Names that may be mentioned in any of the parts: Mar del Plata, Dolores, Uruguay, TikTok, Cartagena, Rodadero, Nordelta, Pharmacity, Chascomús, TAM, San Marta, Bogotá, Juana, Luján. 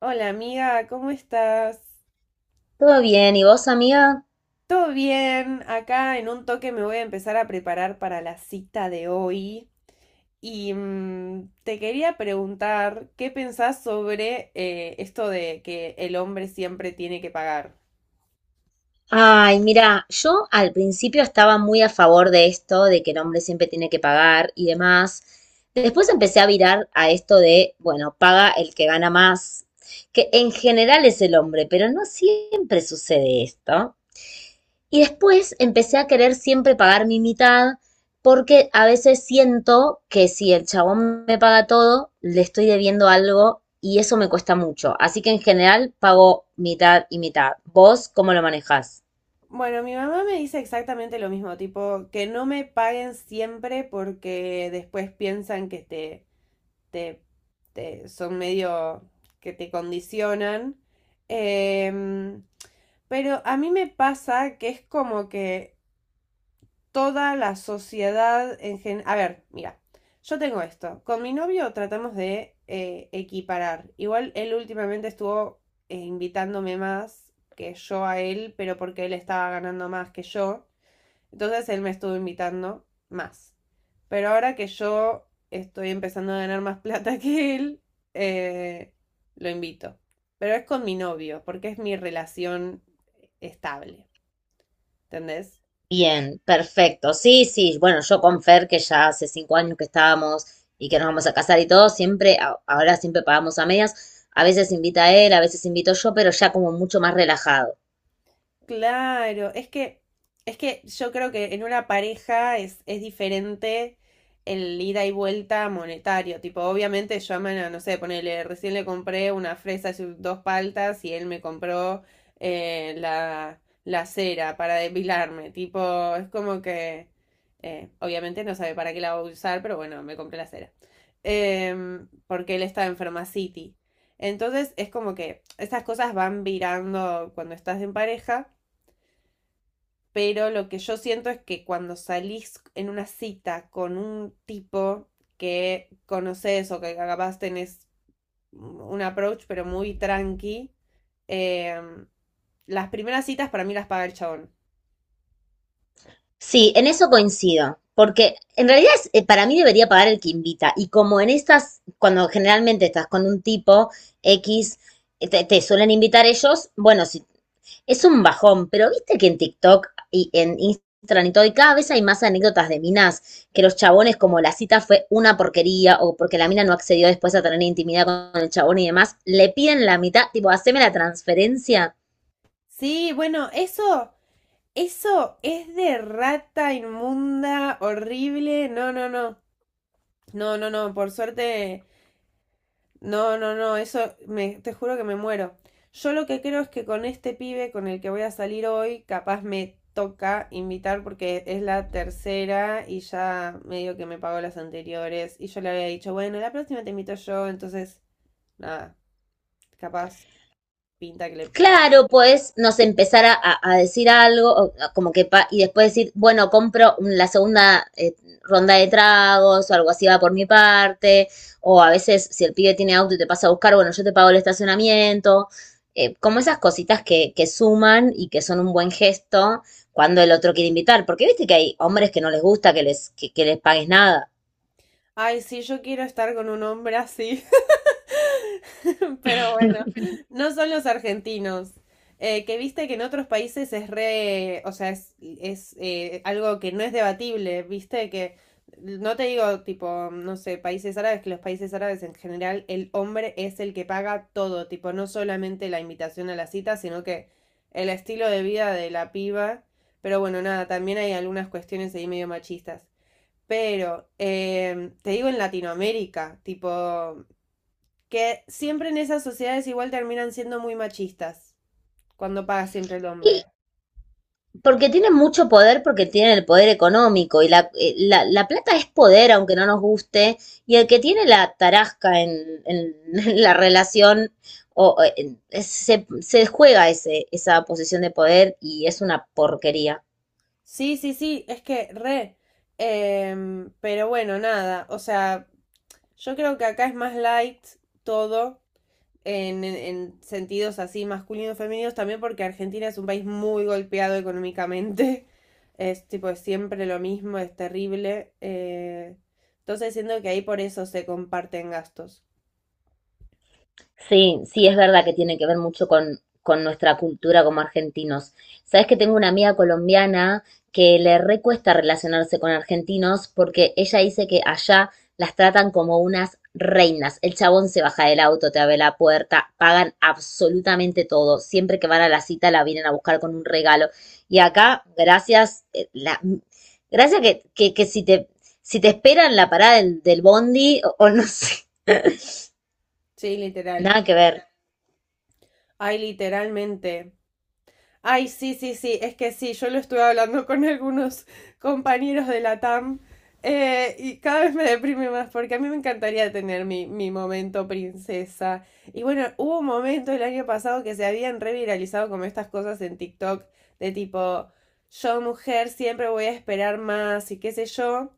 Hola amiga, ¿cómo estás? Todo bien, ¿y vos, amiga? ¿Todo bien? Acá en un toque me voy a empezar a preparar para la cita de hoy y te quería preguntar qué pensás sobre esto de que el hombre siempre tiene que pagar. Ay, mira, yo al principio estaba muy a favor de esto, de que el hombre siempre tiene que pagar y demás. Después empecé a virar a esto de, bueno, paga el que gana más, que en general es el hombre, pero no siempre sucede esto. Y después empecé a querer siempre pagar mi mitad, porque a veces siento que si el chabón me paga todo, le estoy debiendo algo y eso me cuesta mucho. Así que en general pago mitad y mitad. ¿Vos cómo lo manejás? Bueno, mi mamá me dice exactamente lo mismo, tipo, que no me paguen siempre porque después piensan que te, te son medio que te condicionan. Em, Pero a mí me pasa que es como que toda la sociedad en general. A ver, mira, yo tengo esto. Con mi novio tratamos de equiparar. Igual él últimamente estuvo invitándome más que yo a él, pero porque él estaba ganando más que yo. Entonces él me estuvo invitando más. Pero ahora que yo estoy empezando a ganar más plata que él, eh, lo invito. Pero es con mi novio, porque es mi relación estable. ¿Entendés? Bien, perfecto. Sí, sí. Bueno, yo con Fer, que ya hace 5 años que estábamos y que nos vamos a casar y todo, siempre, ahora siempre pagamos a medias. A veces invita él, a veces invito yo, pero ya como mucho más relajado. Claro, es que yo creo que en una pareja es diferente el ida y vuelta monetario. Tipo, obviamente llaman a, no sé, ponele, recién le compré una fresa y sus dos paltas y él me compró la cera para depilarme. Tipo, es como que, obviamente no sabe para qué la voy a usar, pero bueno, me compré la cera. Porque él está en Pharmacity. Entonces es como que estas cosas van virando cuando estás en pareja, pero lo que yo siento es que cuando salís en una cita con un tipo que conoces, o que capaz tenés un approach pero muy tranqui, eh, las primeras citas para mí las paga el chabón. Sí, en eso coincido, porque en realidad para mí debería pagar el que invita y como en estas, cuando generalmente estás con un tipo X, te suelen invitar ellos. Bueno, sí, es un bajón, pero viste que en TikTok y en Instagram y todo, y cada vez hay más anécdotas de minas, que los chabones como la cita fue una porquería o porque la mina no accedió después a tener intimidad con el chabón y demás, le piden la mitad, tipo, haceme la transferencia. Sí, bueno, eso es de rata inmunda, horrible, no, no, no, no, no, no, por suerte. No, no, no, eso me, te juro que me muero. Yo lo que creo es que con este pibe con el que voy a salir hoy, capaz me toca invitar porque es la tercera y ya medio que me pagó las anteriores, y yo le había dicho, bueno, la próxima te invito yo, entonces, nada, capaz pinta que le pague. Claro, pues nos empezar a decir algo, o como que y después decir, bueno, la segunda ronda de tragos o algo así va por mi parte, o a veces si el pibe tiene auto y te pasa a buscar, bueno, yo te pago el estacionamiento, como esas cositas que suman y que son un buen gesto cuando el otro quiere invitar, porque viste que hay hombres que no les gusta que les, que les pagues nada. Ay, sí, yo quiero estar con un hombre así. Pero bueno, no son los argentinos. Que viste que en otros países es re, o sea, es algo que no es debatible, viste que, no te digo tipo, no sé, países árabes, que los países árabes en general el hombre es el que paga todo, tipo, no solamente la invitación a la cita, sino que el estilo de vida de la piba. Pero bueno, nada, también hay algunas cuestiones ahí medio machistas. Pero, te digo en Latinoamérica, tipo, que siempre en esas sociedades igual terminan siendo muy machistas, cuando paga siempre el hombre. Porque tienen mucho poder, porque tienen el poder económico y la plata es poder, aunque no nos guste, y el que tiene la tarasca en la relación o, se juega esa posición de poder y es una porquería. Sí, sí, sí, es que re. Pero bueno, nada, o sea, yo creo que acá es más light todo en, en sentidos así masculinos, femeninos, también porque Argentina es un país muy golpeado económicamente. Es tipo es siempre lo mismo, es terrible. Entonces siento que ahí por eso se comparten gastos. Sí, sí, es verdad que tiene que ver mucho con nuestra cultura como argentinos. Sabes que tengo una amiga colombiana que le recuesta relacionarse con argentinos porque ella dice que allá las tratan como unas reinas. El chabón se baja del auto, te abre la puerta, pagan absolutamente todo. Siempre que van a la cita la vienen a buscar con un regalo. Y acá, gracias, gracias que si te esperan la parada del bondi o no sé, Sí, literal. nada que ver. Ay, literalmente. Ay, sí, sí, sí, es que sí, yo lo estuve hablando con algunos compañeros de la TAM, y cada vez me deprime más porque a mí me encantaría tener mi momento princesa. Y bueno, hubo un momento el año pasado que se habían reviralizado como estas cosas en TikTok, de tipo, yo mujer siempre voy a esperar más y qué sé yo.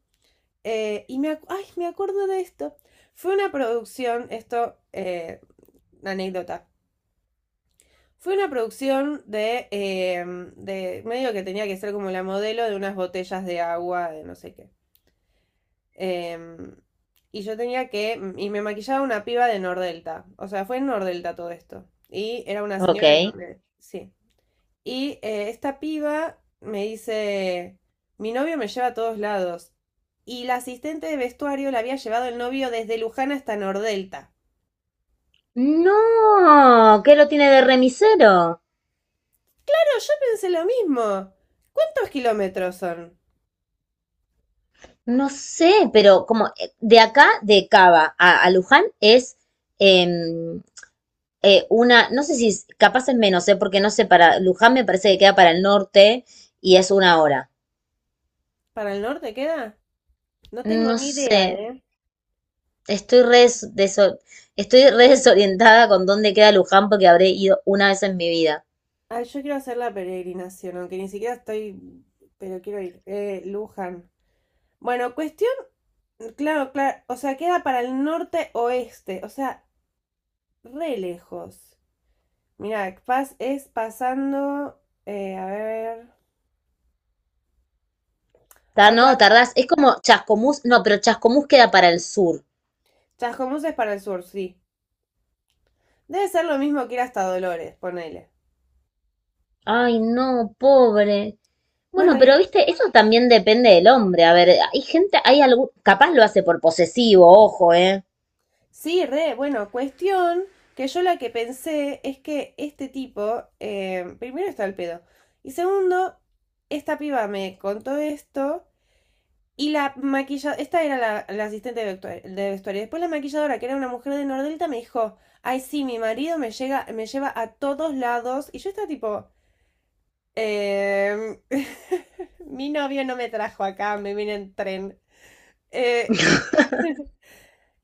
Y me, ay, me acuerdo de esto. Fue una producción, esto, anécdota. Fue una producción de medio que tenía que ser como la modelo de unas botellas de agua, de no sé qué. Em, y yo tenía que, y me maquillaba una piba de Nordelta. O sea, fue en Nordelta todo esto. Y era una Ok. señora de Nordelta. Sí. Y esta piba me dice, mi novio me lleva a todos lados. Y la asistente de vestuario la había llevado el novio desde Luján hasta Nordelta. No, ¿qué lo tiene de remisero? Pero yo pensé lo mismo. ¿Cuántos kilómetros son? No sé, pero como de acá, de Cava a Luján es em, una, no sé si es- capaz es menos, ¿eh? Porque no sé, para Luján me parece que queda para el norte y es 1 hora. ¿Para el norte queda? No tengo No ni sé, idea, ¿eh? estoy estoy re desorientada con dónde queda Luján porque habré ido una vez en mi vida. Ay, yo quiero hacer la peregrinación, aunque ni siquiera estoy, pero quiero ir. Luján. Bueno, cuestión, claro, claro, o sea, queda para el norte oeste, o sea, re lejos. Mirá, Paz es pasando, a ver, o No, sea, tardás, es como Chascomús, no, pero Chascomús queda para el sur. Chascomús es para el sur, sí. Debe ser lo mismo que ir hasta Dolores, ponele. Ay, no, pobre. Bueno, Bueno, pero y viste, eso también depende del hombre. A ver, hay gente, hay algún, capaz lo hace por posesivo, ojo, ¿eh? sí, re, bueno, cuestión que yo la que pensé es que este tipo, primero está el pedo, y segundo, esta piba me contó esto y la maquilladora, esta era la asistente de de vestuario, después la maquilladora, que era una mujer de Nordelta, me dijo, ay, sí, mi marido me llega, me lleva a todos lados, y yo estaba tipo, "Em, mi novio no me trajo acá, me vine en tren. Eh,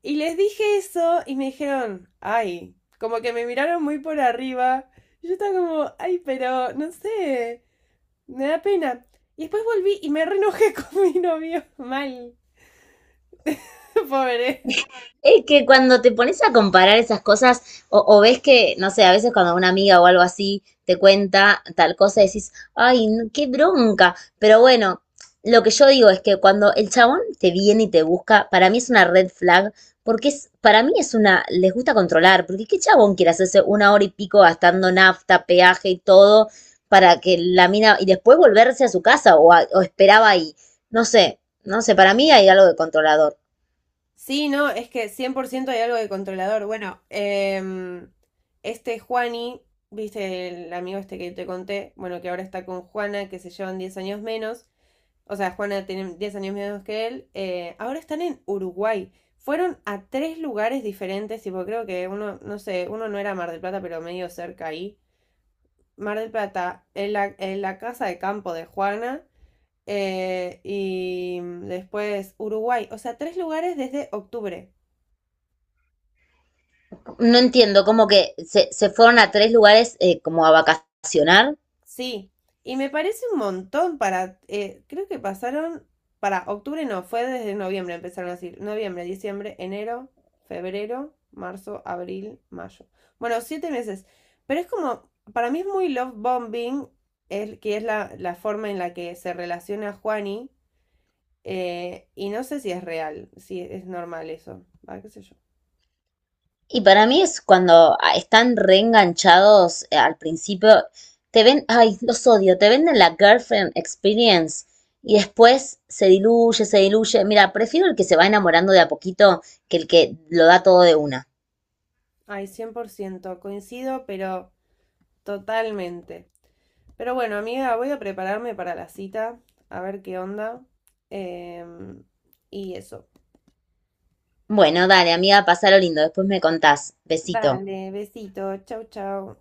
y les dije eso y me dijeron, ay, como que me miraron muy por arriba. Y yo estaba como, ay, pero no sé, me da pena. Y después volví y me renojé con mi novio. Mal. Pobre. Es que cuando te pones a comparar esas cosas, o ves que, no sé, a veces cuando una amiga o algo así te cuenta tal cosa, decís, ay, no, qué bronca. Pero bueno, lo que yo digo es que cuando el chabón te viene y te busca, para mí es una red flag, porque es, para mí es una, les gusta controlar, porque qué chabón quiere hacerse 1 hora y pico gastando nafta, peaje y todo, para que la mina, y después volverse a su casa o esperaba ahí. No sé, para mí hay algo de controlador. Sí, no, es que 100% hay algo de controlador. Bueno, este Juani, viste el amigo este que te conté, bueno, que ahora está con Juana, que se llevan 10 años menos. O sea, Juana tiene 10 años menos que él. Ahora están en Uruguay. Fueron a tres lugares diferentes, tipo, creo que uno, no sé, uno no era Mar del Plata, pero medio cerca ahí. Mar del Plata, en la casa de campo de Juana, y después Uruguay. O sea, tres lugares desde octubre. No entiendo, como que se fueron a tres lugares como a vacacionar. Sí, y me parece un montón para, creo que pasaron, para octubre no, fue desde noviembre empezaron a así, noviembre, diciembre, enero, febrero, marzo, abril, mayo. Bueno, 7 meses, pero es como, para mí es muy love bombing, el, que es la forma en la que se relaciona Juani, y no sé si es real, si es normal eso, ah, qué sé yo. Y para mí es cuando están reenganchados al principio. Te ven, ay, los odio, te venden la girlfriend experience y después se diluye, se diluye. Mira, prefiero el que se va enamorando de a poquito que el que lo da todo de una. Ay, 100% coincido, pero totalmente. Pero bueno, amiga, voy a prepararme para la cita, a ver qué onda. em, y eso. Bueno, dale, amiga, pasalo lindo, después me contás. Besito. Dale, besito, chau, chau.